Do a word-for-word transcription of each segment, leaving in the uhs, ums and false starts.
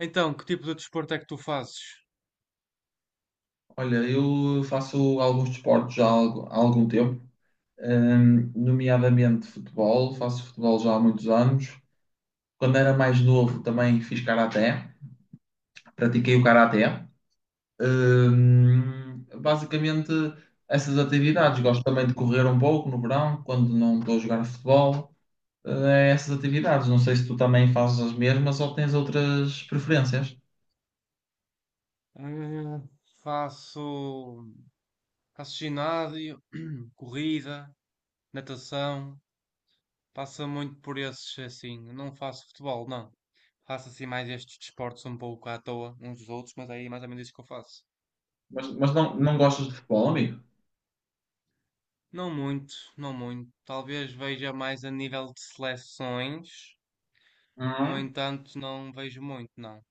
Então, que tipo de desporto é que tu fazes? Olha, eu faço alguns desportos já há algu- há algum tempo, hum, nomeadamente futebol. Faço futebol já há muitos anos. Quando era mais novo também fiz karaté, pratiquei o karaté. Hum, basicamente essas atividades. Gosto também de correr um pouco no verão, quando não estou a jogar futebol. Eh, é essas atividades. Não sei se tu também fazes as mesmas ou tens outras preferências. Hum, faço, faço ginásio, corrida, natação, passa muito por esses assim. Não faço futebol, não. Faço assim mais estes desportos um pouco à toa, uns dos outros, mas aí é mais ou menos isso que eu faço. Mas, mas não, não gostas de futebol, amigo? Não muito, não muito. Talvez veja mais a nível de seleções, no entanto, não vejo muito, não.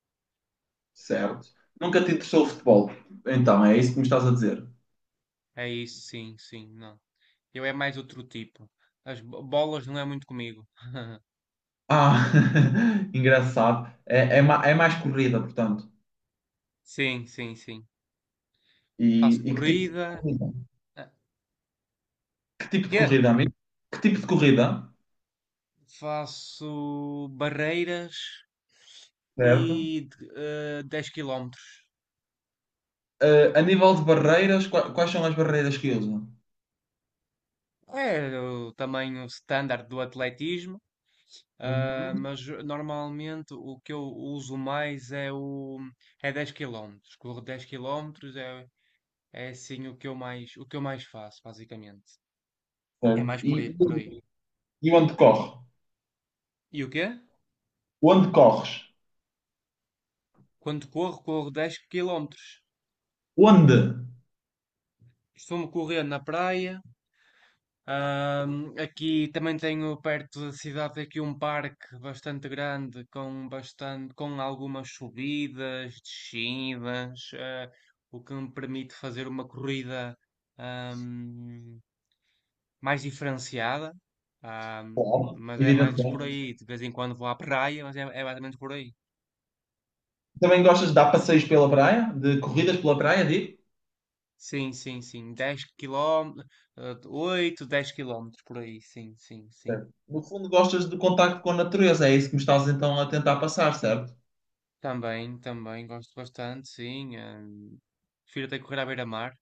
Certo. Nunca te interessou o futebol. Então, é isso que me estás a dizer. É isso, sim, sim, não. Eu é mais outro tipo. As bo- bolas não é muito comigo. Ah, engraçado. É, é, ma- é mais corrida, portanto. Sim, sim, sim. E, Faço e que tipo de corrida, corrida? ah, Que tipo de quê? corrida, amigo? Que tipo de corrida? Faço barreiras Certo. e eh, dez quilómetros. Eh, a nível de barreiras, qua- quais são as barreiras que usam? É o tamanho standard do atletismo, ah, Uhum. mas normalmente o que eu uso mais é o é dez quilómetros. Corro dez quilómetros é, é assim o que eu mais o que eu mais faço, basicamente. É Certo. mais por aí, por aí. E, e onde corre? E o quê? Onde corres? Quando corro, corro dez quilómetros. Onde? Costumo correr na praia. Ahm, aqui também tenho perto da cidade aqui um parque bastante grande com bastante com algumas subidas, descidas, eh, o que me permite fazer uma corrida ahm, mais diferenciada. Ahm, Claro, mas é mais por evidentemente. aí, de vez em quando vou à praia, mas é, é basicamente por aí. Também gostas de dar passeios pela praia? De corridas pela praia, digo? Sim, sim, sim. Dez quilómetros, oito, dez quilómetros por aí, sim, sim, sim. Certo. No fundo, gostas do contacto com a natureza, é isso que me estás então a tentar passar, certo? Também, também gosto bastante, sim. Hum, prefiro até correr à beira-mar.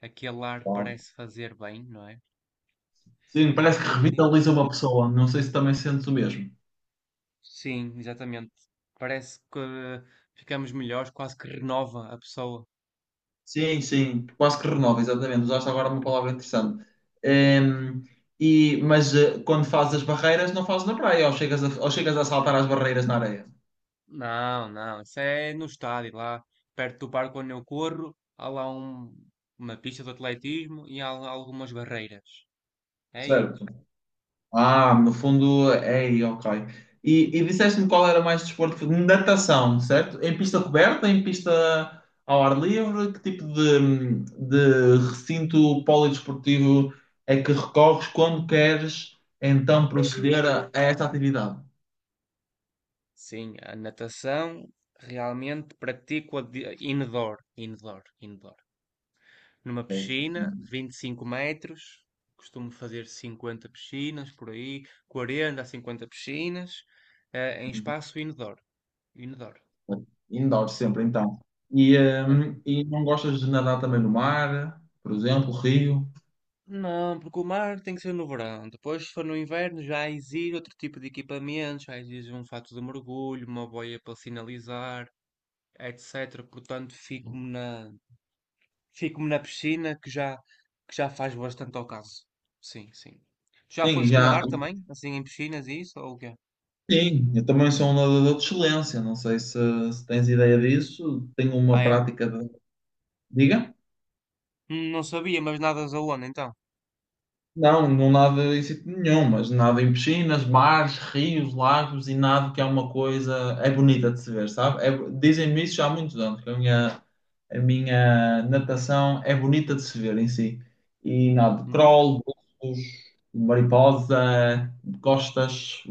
Aquele ar Claro. parece fazer bem, não é? Sim, É. parece que E tu? revitaliza uma pessoa. Não sei se também sentes o mesmo. Sim, exatamente. Parece que eh, ficamos melhores, quase que renova a pessoa. Sim, sim, quase que renova, exatamente. Usaste agora uma palavra interessante. Ehm, e, mas eh, quando fazes as barreiras, não fazes na praia, ou chegas a, ou chegas a saltar as barreiras na areia. Não, não, isso é no estádio, lá perto do parque onde eu corro, há lá um- uma pista de atletismo e há lá algumas barreiras. É aí, Certo. Ah, no fundo, é aí, ok. E, e disseste-me qual era mais desporto? Natação, certo? Em pista coberta, em pista ao ar livre? Que tipo de, de recinto polidesportivo é que recorres quando queres então proceder a, a esta atividade? sim, a natação realmente pratico a de- indoor, indoor, indoor, numa piscina de vinte e cinco metros. Costumo fazer cinquenta piscinas por aí, quarenta a cinquenta piscinas, eh, em espaço indoor. Indoor, Indoor assim. sempre, então. E, tá? hum, e não gostas de nadar também no mar, por exemplo, rio? Não, porque o mar tem que ser no verão. Depois, se for no inverno, já exige outro tipo de equipamento, já exige um fato de mergulho, uma boia para sinalizar, etecetera. Portanto, fico-me na, fico-me na piscina que já, que já faz bastante ao caso. Sim, sim. Já Sim, foste já. nadar também? Assim, em piscinas e isso? Ou o quê? Sim, eu também sou um nadador de excelência. Não sei se, se tens ideia disso. Tenho Ah, uma é? prática de. Diga? Hum, Não sabia, mas nadas aonde então? Não, não nado em sítio nenhum, mas nado em piscinas, mares, rios, lagos e nado que é uma coisa. É bonita de se ver, sabe? É- dizem-me isso já há muitos anos, que a minha, a minha natação é bonita de se ver em si. E nado de Uhum, crawl, bultos, mariposa, costas.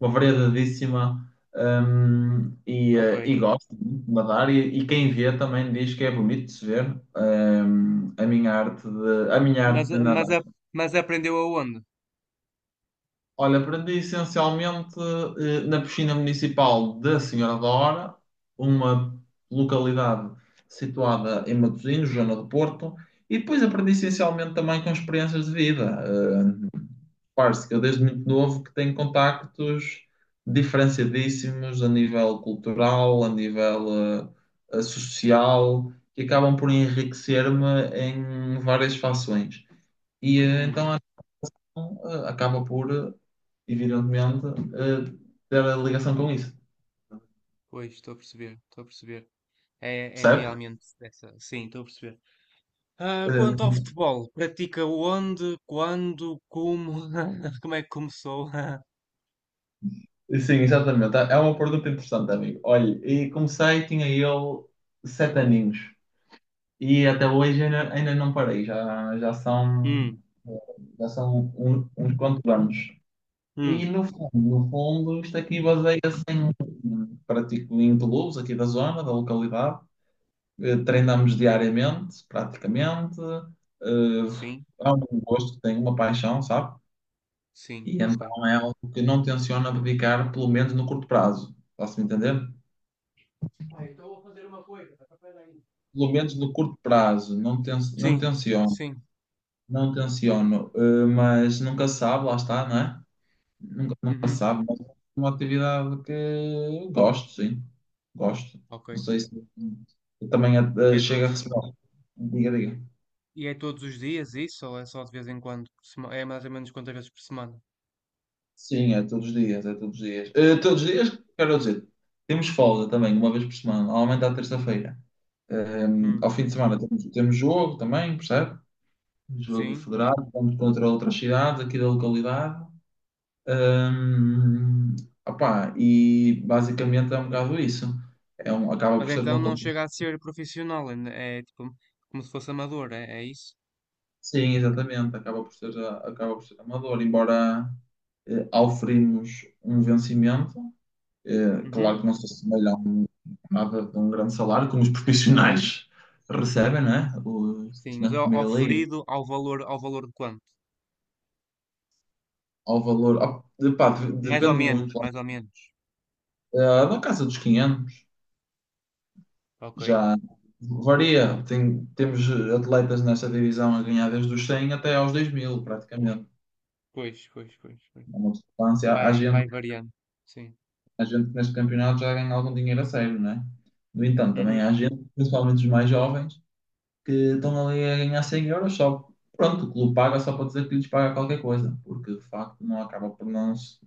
Uma variedadíssima hum, e, ok. eh, e gosto muito de nadar e, e quem vê também diz que é bonito de se ver hum, a minha arte de, a minha Mas, arte de a- mas, nadar. a- mas aprendeu aonde? Olha, aprendi essencialmente eh, na piscina municipal da Senhora da Hora, uma localidade situada em Matosinhos, zona do Porto, e depois aprendi essencialmente também com experiências de vida. eh, Parce que eu desde muito novo que tenho contactos diferenciadíssimos a nível cultural, a nível eh, eh, social, que acabam por enriquecer-me em várias fações. E eh, Hum, então, então, eh, acaba por, eh, evidentemente, eh, ter a ligação com isso. pois, estou a perceber, estou a perceber. É, é Percebe? realmente essa. Sim, estou a perceber. Ah, quanto ao futebol, pratica onde, quando, como? Como é que começou? Eh, sim, exatamente. É uma pergunta interessante, amigo. Olha, e comecei, tinha eu sete aninhos. E até hoje ainda, ainda não parei, já, já são, Hum, já são um- uns quantos anos. E hum. no fundo, no fundo, isto aqui baseia-se em pratico em clubes aqui da zona, da localidade. Eh, Treinamos diariamente, praticamente. Eh, Sim, É um gosto que tenho, uma paixão, sabe? sim, E ok. então é algo que não tenciono dedicar, pelo menos no curto prazo. Posso-me entender? Ah, então vou fazer uma coisa. Espera aí. Pelo menos no curto prazo, não, ten não Sim, tenciono. sim. Não tenciono, eh, mas nunca se sabe, lá está, não é? Nunca, nunca se Uhum, sabe, mas é uma atividade que gosto, sim. Gosto. ok. Não sei se eu também eh, É tudo. chego a receber. Diga, diga. E é todos os dias isso ou é só de vez em quando? por sema- É mais ou menos quantas vezes por semana? Sim, é todos os dias, é todos os dias. Eh, todos os dias, quero dizer, temos folga também, uma vez por semana, normalmente à terça-feira. Eh, Ao Hum, fim de semana temos, temos jogo também, percebe? Jogo sim. federado, vamos contra outras cidades aqui da localidade. Hum, Opá, e basicamente é um bocado isso. É um, acaba Mas por ser então uma não competição. chega a ser profissional, ainda é tipo como se fosse amador, é, é isso? Sim, exatamente. Acaba por ser, a- acaba por ser amador, embora eh, oferimos um vencimento. eh, Uhum, Claro que não se assemelha a um, nada de um grande salário, como os profissionais recebem, não é? Os sim, mas profissionais é de o- primeira liga, oferido ao valor, ao valor de quanto? ao valor. Op- de- pá, de- Mais ou depende menos, muito. mais ou menos. Uh, da casa dos quinhentos. Ok. Já varia. Tem- temos atletas nessa divisão a ganhar desde os cem até aos dois mil, praticamente. Pois, pois, pois, pois. É uma substância. Há Vai, vai gente, variando. Sim. há gente que neste campeonato já ganha algum dinheiro a sério, não é? No entanto, também Uhum, há gente, principalmente os mais jovens, que estão ali a ganhar cem euros só. Pronto, o clube paga só para dizer que lhes paga qualquer coisa, porque de facto não acaba por não se,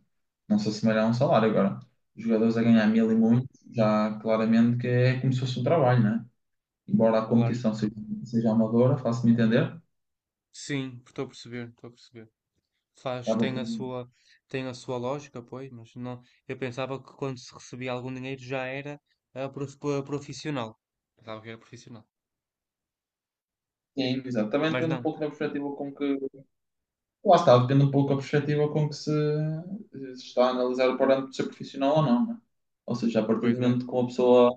não se assemelhar a um salário. Agora, os jogadores a ganhar claro, mil e muito, já claramente que é como se fosse um trabalho, embora a claro. competição seja, seja amadora, faço-me entender. Sim, estou a perceber, estou a perceber. Faz, Estava tem a com- sua, tem a sua lógica, pois, mas não, eu pensava que quando se recebia algum dinheiro já era ah, prof- pro- profissional. Pensava que era profissional. Sim, exato. Também Mas depende um não, pouco da perspectiva com que. Lá está, depende um pouco da perspectiva com que se, se está a analisar o parâmetro de ser profissional ou não, né? Ou seja, a partir do pois bem. momento que uma pessoa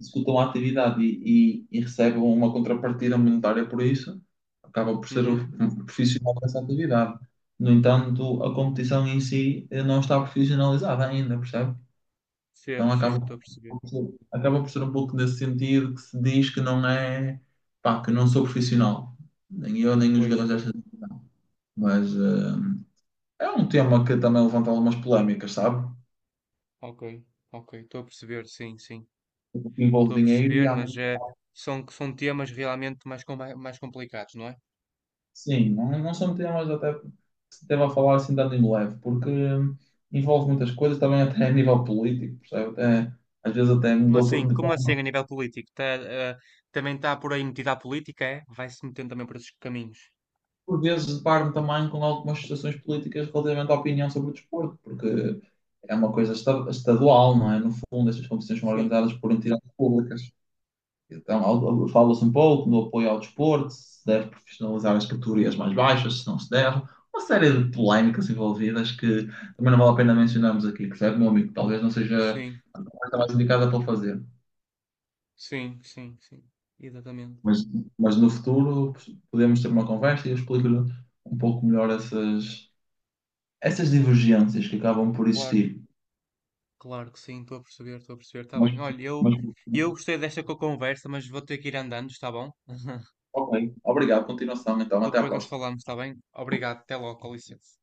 executa uma atividade e, e- e recebe uma contrapartida monetária por isso, acaba por ser o- Uhum. um profissional dessa atividade. No entanto, a competição em si eh, não está profissionalizada ainda, percebe? Percebo, Então percebo, acaba, estou a perceber. Por ser- acaba por ser um pouco nesse sentido que se diz que não é, pá, que não sou profissional. Nem eu, nem os Pois, jogadores pois. desta. Mas eh, é um tema que também levanta algumas polémicas, sabe? Ok, ok, estou a perceber, sim, sim. Porque Estou a envolve dinheiro e perceber, há... mas é, são, são temas realmente mais, com- mais complicados, não é? Sim, não, não são temas até que se deva a falar assim dando em leve, porque envolve muitas coisas também até a nível político, percebe? Até, às vezes até Como assim? mudou de Como assim a nível político? Tá, ah, também está por aí metida a política, é? Vai-se metendo também por esses caminhos. por vezes deparo-me também com algumas situações políticas relativamente à opinião sobre o desporto, porque é uma coisa esta- estadual, não é? No fundo, estas competições são Sim, organizadas por entidades públicas. Então, ao- ao- fala-se um pouco do apoio ao desporto, se deve profissionalizar as categorias mais baixas, se não se deve. Uma série de polémicas envolvidas que também não vale a pena mencionarmos aqui, percebe, meu amigo? Talvez não seja sim. a conversa mais indicada para fazer. Sim, sim, sim. Exatamente. Mas, mas no futuro podemos ter uma conversa e eu explico-lhe um pouco melhor essas essas divergências que acabam por Claro, existir. claro que sim, estou a perceber, estou a perceber. Está Mas, bem. Olha, eu, mas, eu gostei desta co- conversa, mas vou ter que ir andando, está bom? ok, obrigado, continuação, então, até à Depois nós próxima. falamos, está bem? Obrigado, até logo, com licença.